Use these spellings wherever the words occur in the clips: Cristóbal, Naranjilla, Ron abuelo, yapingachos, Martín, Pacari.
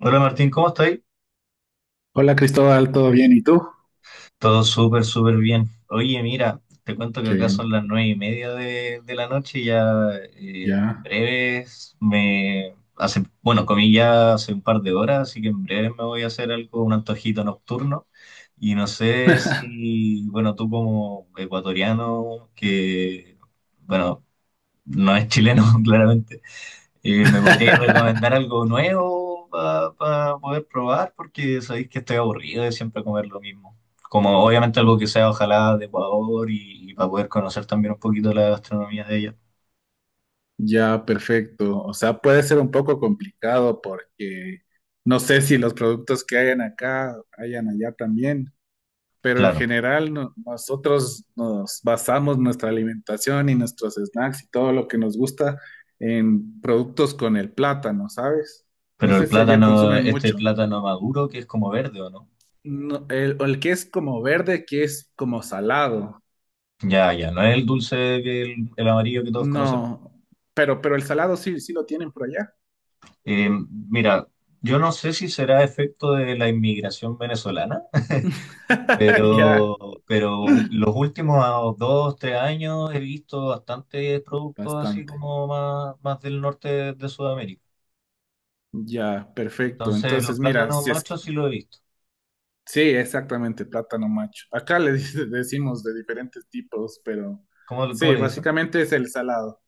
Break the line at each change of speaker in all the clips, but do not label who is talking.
Hola Martín, ¿cómo estáis?
Hola Cristóbal, ¿todo bien? ¿Y tú?
Todo súper, súper bien. Oye, mira, te cuento que
Qué
acá
bien,
son las 9:30 de la noche y ya en
ya.
breves me hace, bueno, comí ya hace un par de horas, así que en breves me voy a hacer algo, un antojito nocturno. Y no sé si, bueno, tú como ecuatoriano, que, bueno, no es chileno claramente. ¿me podríais recomendar algo nuevo para poder probar? Porque sabéis que estoy aburrido de siempre comer lo mismo. Como obviamente algo que sea ojalá de Ecuador y, para poder conocer también un poquito la gastronomía de ella.
Ya, perfecto. O sea, puede ser un poco complicado porque no sé si los productos que hayan acá hayan allá también, pero en
Claro,
general nosotros nos basamos nuestra alimentación y nuestros snacks y todo lo que nos gusta en productos con el plátano, ¿sabes? No
pero el
sé si allá
plátano,
consumen
este
mucho.
plátano maduro que es como verde, ¿o no?
No, el que es como verde, que es como salado.
Ya, ya, no es el dulce, que el amarillo que todos conocemos.
No, pero el salado sí, sí lo tienen por allá.
Eh, mira, yo no sé si será efecto de la inmigración venezolana.
Ya,
Pero, pero los últimos dos, tres años he visto bastantes productos así
bastante.
como más, más del norte de Sudamérica.
Ya, perfecto.
Entonces, los
Entonces, mira,
plátanos
si es,
machos sí lo he visto.
sí, exactamente, plátano macho. Acá le decimos de diferentes tipos, pero
¿Cómo, cómo
sí,
le dicen?
básicamente es el salado.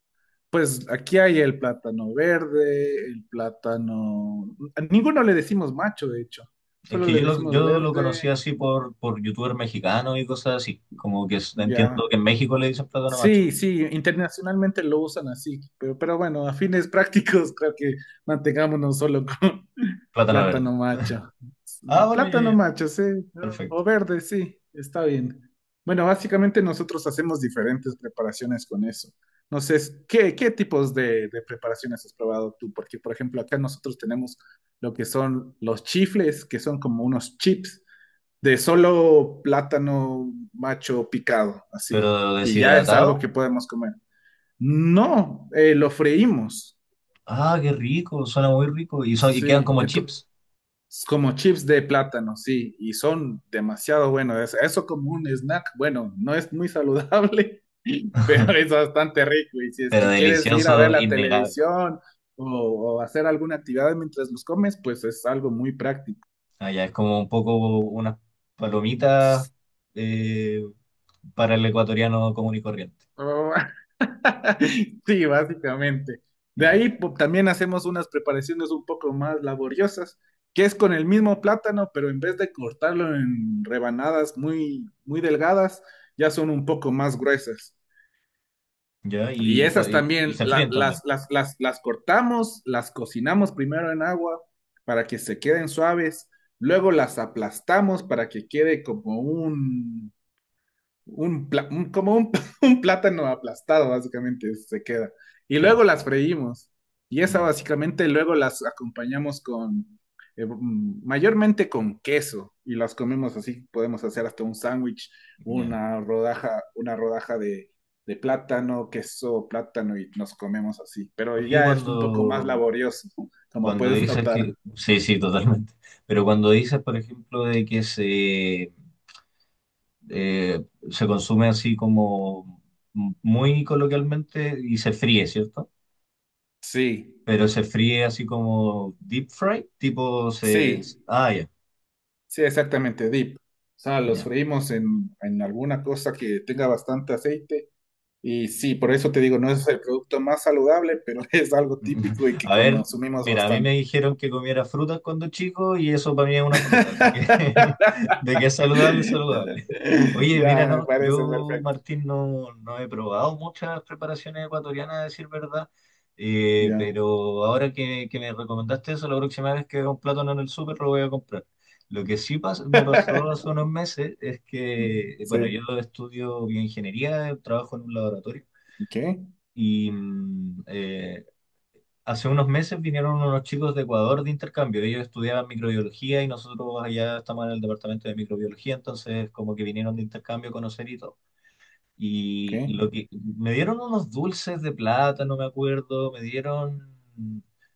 Pues aquí hay el plátano verde, el plátano, a ninguno le decimos macho, de hecho.
Es
Solo
que
le
yo lo,
decimos
yo lo conocí
verde,
así por youtuber mexicano y cosas así. Como que es- entiendo
ya.
que en México le dicen plátano macho,
Sí, sí, internacionalmente lo usan así, pero bueno, a fines prácticos creo que mantengámonos solo con
plátano verde.
plátano macho.
Ah, bueno, ya,
Plátano
ya,
macho, sí, ¿no?
perfecto.
O verde, sí, está bien. Bueno, básicamente nosotros hacemos diferentes preparaciones con eso. No sé, qué tipos de preparaciones has probado tú? Porque, por ejemplo, acá nosotros tenemos lo que son los chifles, que son como unos chips de solo plátano macho picado, así.
Pero
Y ya es algo que
deshidratado,
podemos comer. No, lo freímos.
ah, qué rico, suena muy rico. Y, son, y quedan
Sí,
como chips,
es como chips de plátano, sí, y son demasiado buenos. Eso como un snack, bueno, no es muy saludable, pero es bastante rico. Y si es
pero
que quieres ir a ver
delicioso,
la
innegable.
televisión o hacer alguna actividad mientras los comes, pues es algo muy práctico.
Ah, ya, es como un poco unas palomitas eh, para el ecuatoriano común y corriente.
Oh, sí, básicamente. De
Ya,
ahí también hacemos unas preparaciones un poco más laboriosas, que es con el mismo plátano, pero en vez de cortarlo en rebanadas muy, muy delgadas, ya son un poco más gruesas.
ya,
Y
y, cua-
esas
y
también
se
la-
fríen también.
las, las, las, las cortamos, las cocinamos primero en agua para que se queden suaves, luego las aplastamos para que quede como un, un plátano aplastado, básicamente, se queda. Y
Ya,
luego las freímos. Y esa
mm,
básicamente luego las acompañamos con, mayormente con queso. Y las comemos así, podemos hacer hasta un sándwich,
ya.
una rodaja de plátano, queso, plátano, y nos comemos así. Pero
Oye,
ya es un poco más
cuando,
laborioso, como
cuando
puedes
dices
notar.
que. Sí, sí, totalmente. Pero cuando dices, por ejemplo, de que se, eh, se consume así como muy coloquialmente y se fríe, ¿cierto?
Sí,
Pero se fríe así como deep fry, tipo se.
sí.
Ah, ya,
Sí, exactamente, dip. O sea, los
ya.
freímos en alguna cosa que tenga bastante aceite. Y sí, por eso te digo, no es el producto más saludable, pero es algo típico y que
A ver,
consumimos
mira, a mí me
bastante.
dijeron que comiera frutas cuando chico y eso para mí es una fruta, así que de que es saludable, es saludable. Oye, mira,
Ya, me
no,
parece
yo,
perfecto.
Martín, no, no he probado muchas preparaciones ecuatorianas, a decir verdad,
Ya.
pero ahora que me recomendaste eso, la próxima vez que vea un plátano en el súper lo voy a comprar. Lo que sí pas- me pasó hace unos meses es que, bueno,
Sí.
yo estudio bioingeniería, trabajo en un laboratorio.
¿Qué?
Y hace unos meses vinieron unos chicos de Ecuador de intercambio. Ellos estudiaban microbiología y nosotros allá estamos en el departamento de microbiología, entonces como que vinieron de intercambio a conocer y todo. Y
¿Qué?
lo que me dieron unos dulces de plátano, me acuerdo, me dieron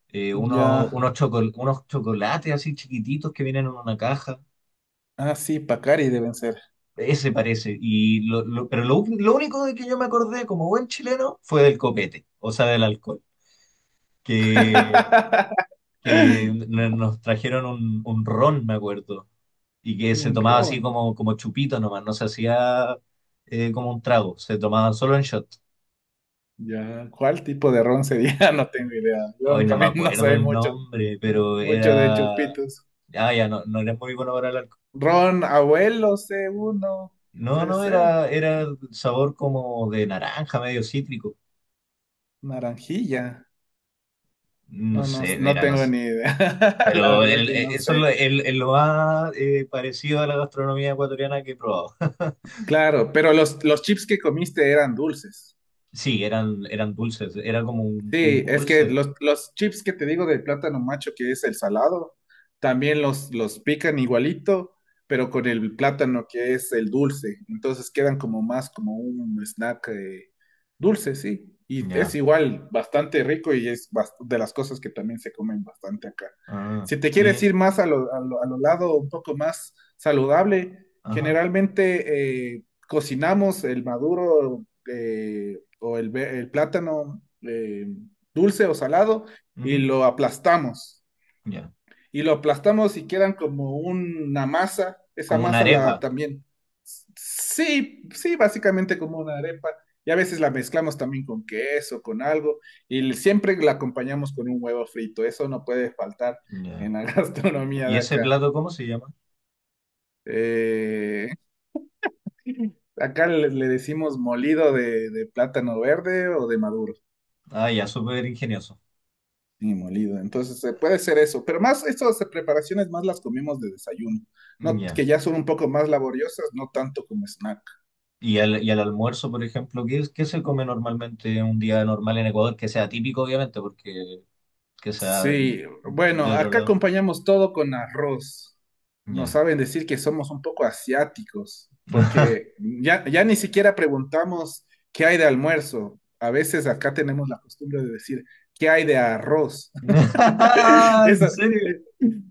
unos,
Ya.
unos, chocol- unos chocolates así chiquititos que vienen en una caja.
Ah, sí, Pacari deben ser.
Ese parece. Y lo- pero lo único de que yo me acordé como buen chileno fue del copete, o sea, del alcohol. que que n- nos trajeron un ron, me acuerdo, y que se
Un
tomaba así
ron.
como, como chupito nomás, no se hacía como un trago, se tomaba solo en shot.
Ya, ¿cuál tipo de ron sería? No tengo idea. Yo en
Hoy no me
cambio no
acuerdo
soy
el nombre, pero
mucho de
era...
chupitos.
Ah, ya, no, no era muy bueno para hablar.
Ron abuelo c uno,
No,
puede
no,
ser.
era, era sabor como de naranja, medio cítrico.
Naranjilla.
No
No, no,
sé,
no
mira, no
tengo
sé.
ni idea. La
Pero
verdad
el-
que no
eso es lo,
sé.
el lo más parecido a la gastronomía ecuatoriana que he probado.
Claro, pero los chips que comiste eran dulces.
Sí, eran, eran dulces, era como un
Sí, es que
dulce.
los chips que te digo de plátano macho, que es el salado, también los pican igualito, pero con el plátano que es el dulce. Entonces quedan como más como un snack dulce, sí. Y es
Ya.
igual, bastante rico y es de las cosas que también se comen bastante acá.
Ah,
Si te quieres
oye,
ir más a lo, a lo lado un poco más saludable,
ajá,
generalmente cocinamos el maduro o el, el plátano. Dulce o salado, y
ujú,
lo aplastamos.
ya.
Y lo aplastamos y quedan como una masa. Esa
Como una
masa la
arepa.
también. Sí, sí, básicamente como una arepa. Y a veces la mezclamos también con queso, con algo. Y siempre la acompañamos con un huevo frito. Eso no puede faltar
Ya.
en la gastronomía
¿Y
de
ese
acá.
plato cómo se llama?
Eh, Acá le decimos molido de plátano verde o de maduro.
Ah, ya, súper ingenioso.
Sí, molido. Entonces puede ser eso. Pero más estas preparaciones más las comemos de desayuno, no,
Ya.
que ya son un poco más laboriosas, no tanto como snack.
¿Y al almuerzo, por ejemplo, qué, es- qué se come normalmente un día normal en Ecuador? Que sea típico, obviamente, porque que sea
Sí,
de
bueno,
otro
acá
lado.
acompañamos todo con arroz. Nos
Ya.
saben decir que somos un poco asiáticos, porque ya, ya ni siquiera preguntamos qué hay de almuerzo. A veces acá tenemos la costumbre de decir qué hay de arroz.
¿En
Eso,
serio?
eh,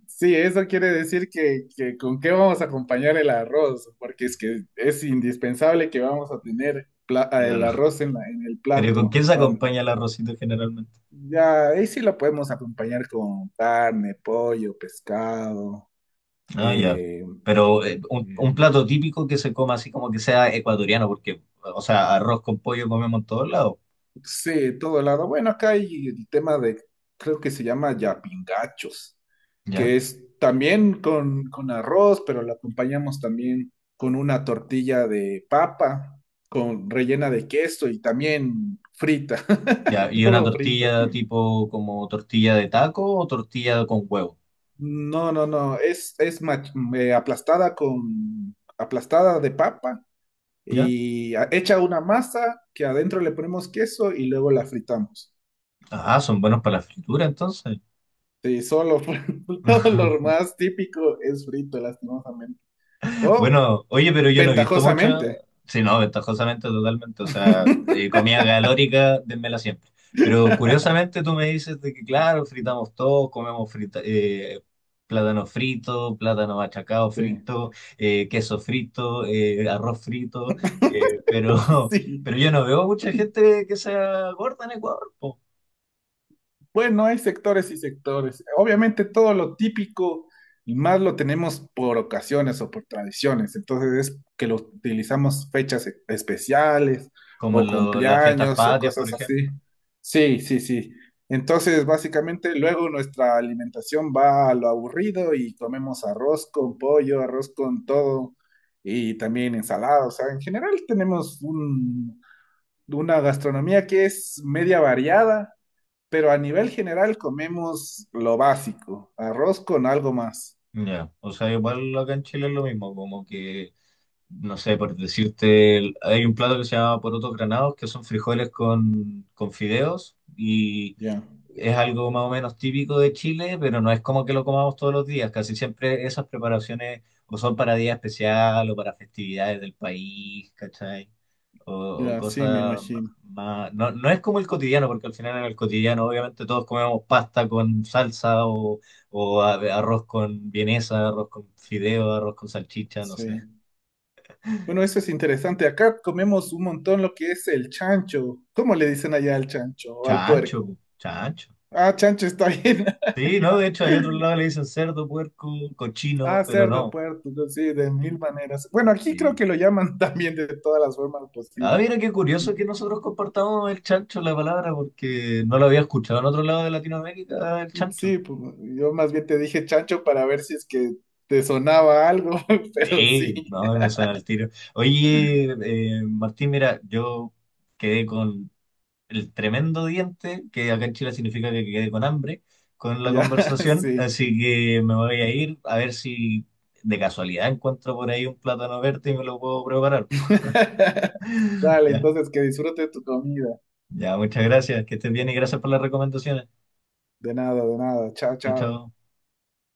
sí, eso quiere decir que con qué vamos a acompañar el arroz, porque es que es indispensable que vamos a tener el
Claro.
arroz en, en el
¿Pero con
plato.
qué se
An-
acompaña el arrocito generalmente?
Ya, ahí sí lo podemos acompañar con carne, pollo, pescado,
Ah, ya.
eh,
Pero un plato típico que se coma así como que sea ecuatoriano, porque, o sea, arroz con pollo comemos en todos lados,
sí, todo lado. Bueno, acá hay el tema de, creo que se llama yapingachos,
¿ya?
que es también con arroz, pero lo acompañamos también con una tortilla de papa, con rellena de queso y también frita,
Ya, y una
todo frito.
tortilla tipo como tortilla de taco o tortilla con huevo,
No, no, no, es, aplastada con, aplastada de papa
¿ya?
y hecha una masa que adentro le ponemos queso y luego la fritamos.
Ah, son buenos para la fritura entonces.
Sí, solo todo lo más típico es frito, lastimosamente. O
Bueno, oye, pero yo no he visto mucha.
ventajosamente.
Sí, no, ventajosamente, totalmente. O sea, comida calórica, dénmela siempre. Pero curiosamente tú me dices de que, claro, fritamos todo, comemos frita, plátano frito, plátano machacado
Sí.
frito, queso frito, arroz frito. Pero,
Sí.
pero yo no veo mucha gente que sea gorda en Ecuador, po.
Bueno, hay sectores y sectores. Obviamente todo lo típico y más lo tenemos por ocasiones o por tradiciones. Entonces es que lo utilizamos fechas especiales
Como
o
en lo- las fiestas
cumpleaños o
patrias, por
cosas así.
ejemplo.
Sí, sí, sí. Entonces básicamente luego nuestra alimentación va a lo aburrido y comemos arroz con pollo, arroz con todo y también ensalada. O sea, en general tenemos una gastronomía que es media variada pero a nivel general comemos lo básico, arroz con algo más.
Ya, o sea, igual acá en Chile es lo mismo, como que. No sé, por decirte, hay un plato que se llama porotos granados, que son frijoles con fideos y
Ya,
es algo más o menos típico de Chile, pero no es como que lo comamos todos los días. Casi siempre esas preparaciones o son para día especial o para festividades del país, ¿cachai? O, o
ya, sí, me
cosas
imagino.
más... No, no es como el cotidiano, porque al final en el cotidiano obviamente todos comemos pasta con salsa o a- arroz con vienesa, arroz con fideo, arroz con salchicha, no sé.
Sí. Bueno, eso es interesante. Acá comemos un montón lo que es el chancho. ¿Cómo le dicen allá al chancho o al
Chancho,
puerco?
po, chancho.
Ah, chancho está bien.
Sí, no, de
Ya.
hecho, hay otro lado que le dicen cerdo, puerco, cochino,
Ah,
pero
cerdo,
no.
puerco, no, sí, de mil maneras. Bueno, aquí creo
Sí.
que lo llaman también de todas las formas
Ah,
posibles.
mira qué curioso que nosotros compartamos el chancho, la palabra, porque no lo había escuchado en otro lado de Latinoamérica, el chancho.
Sí, pues yo más bien te dije chancho para ver si es que te sonaba algo, pero
Sí,
sí.
no, me suena el tiro. Oye, Martín, mira, yo quedé con el tremendo diente, que acá en Chile significa que quedé con hambre con la
Ya,
conversación,
sí.
así que me voy a ir a ver si de casualidad encuentro por ahí un plátano verde y me lo puedo preparar.
Dale,
Ya,
entonces que disfrute tu comida.
ya, muchas gracias, que estés bien y gracias por las recomendaciones.
De nada, de nada. Chao,
Chao,
chao.
chao.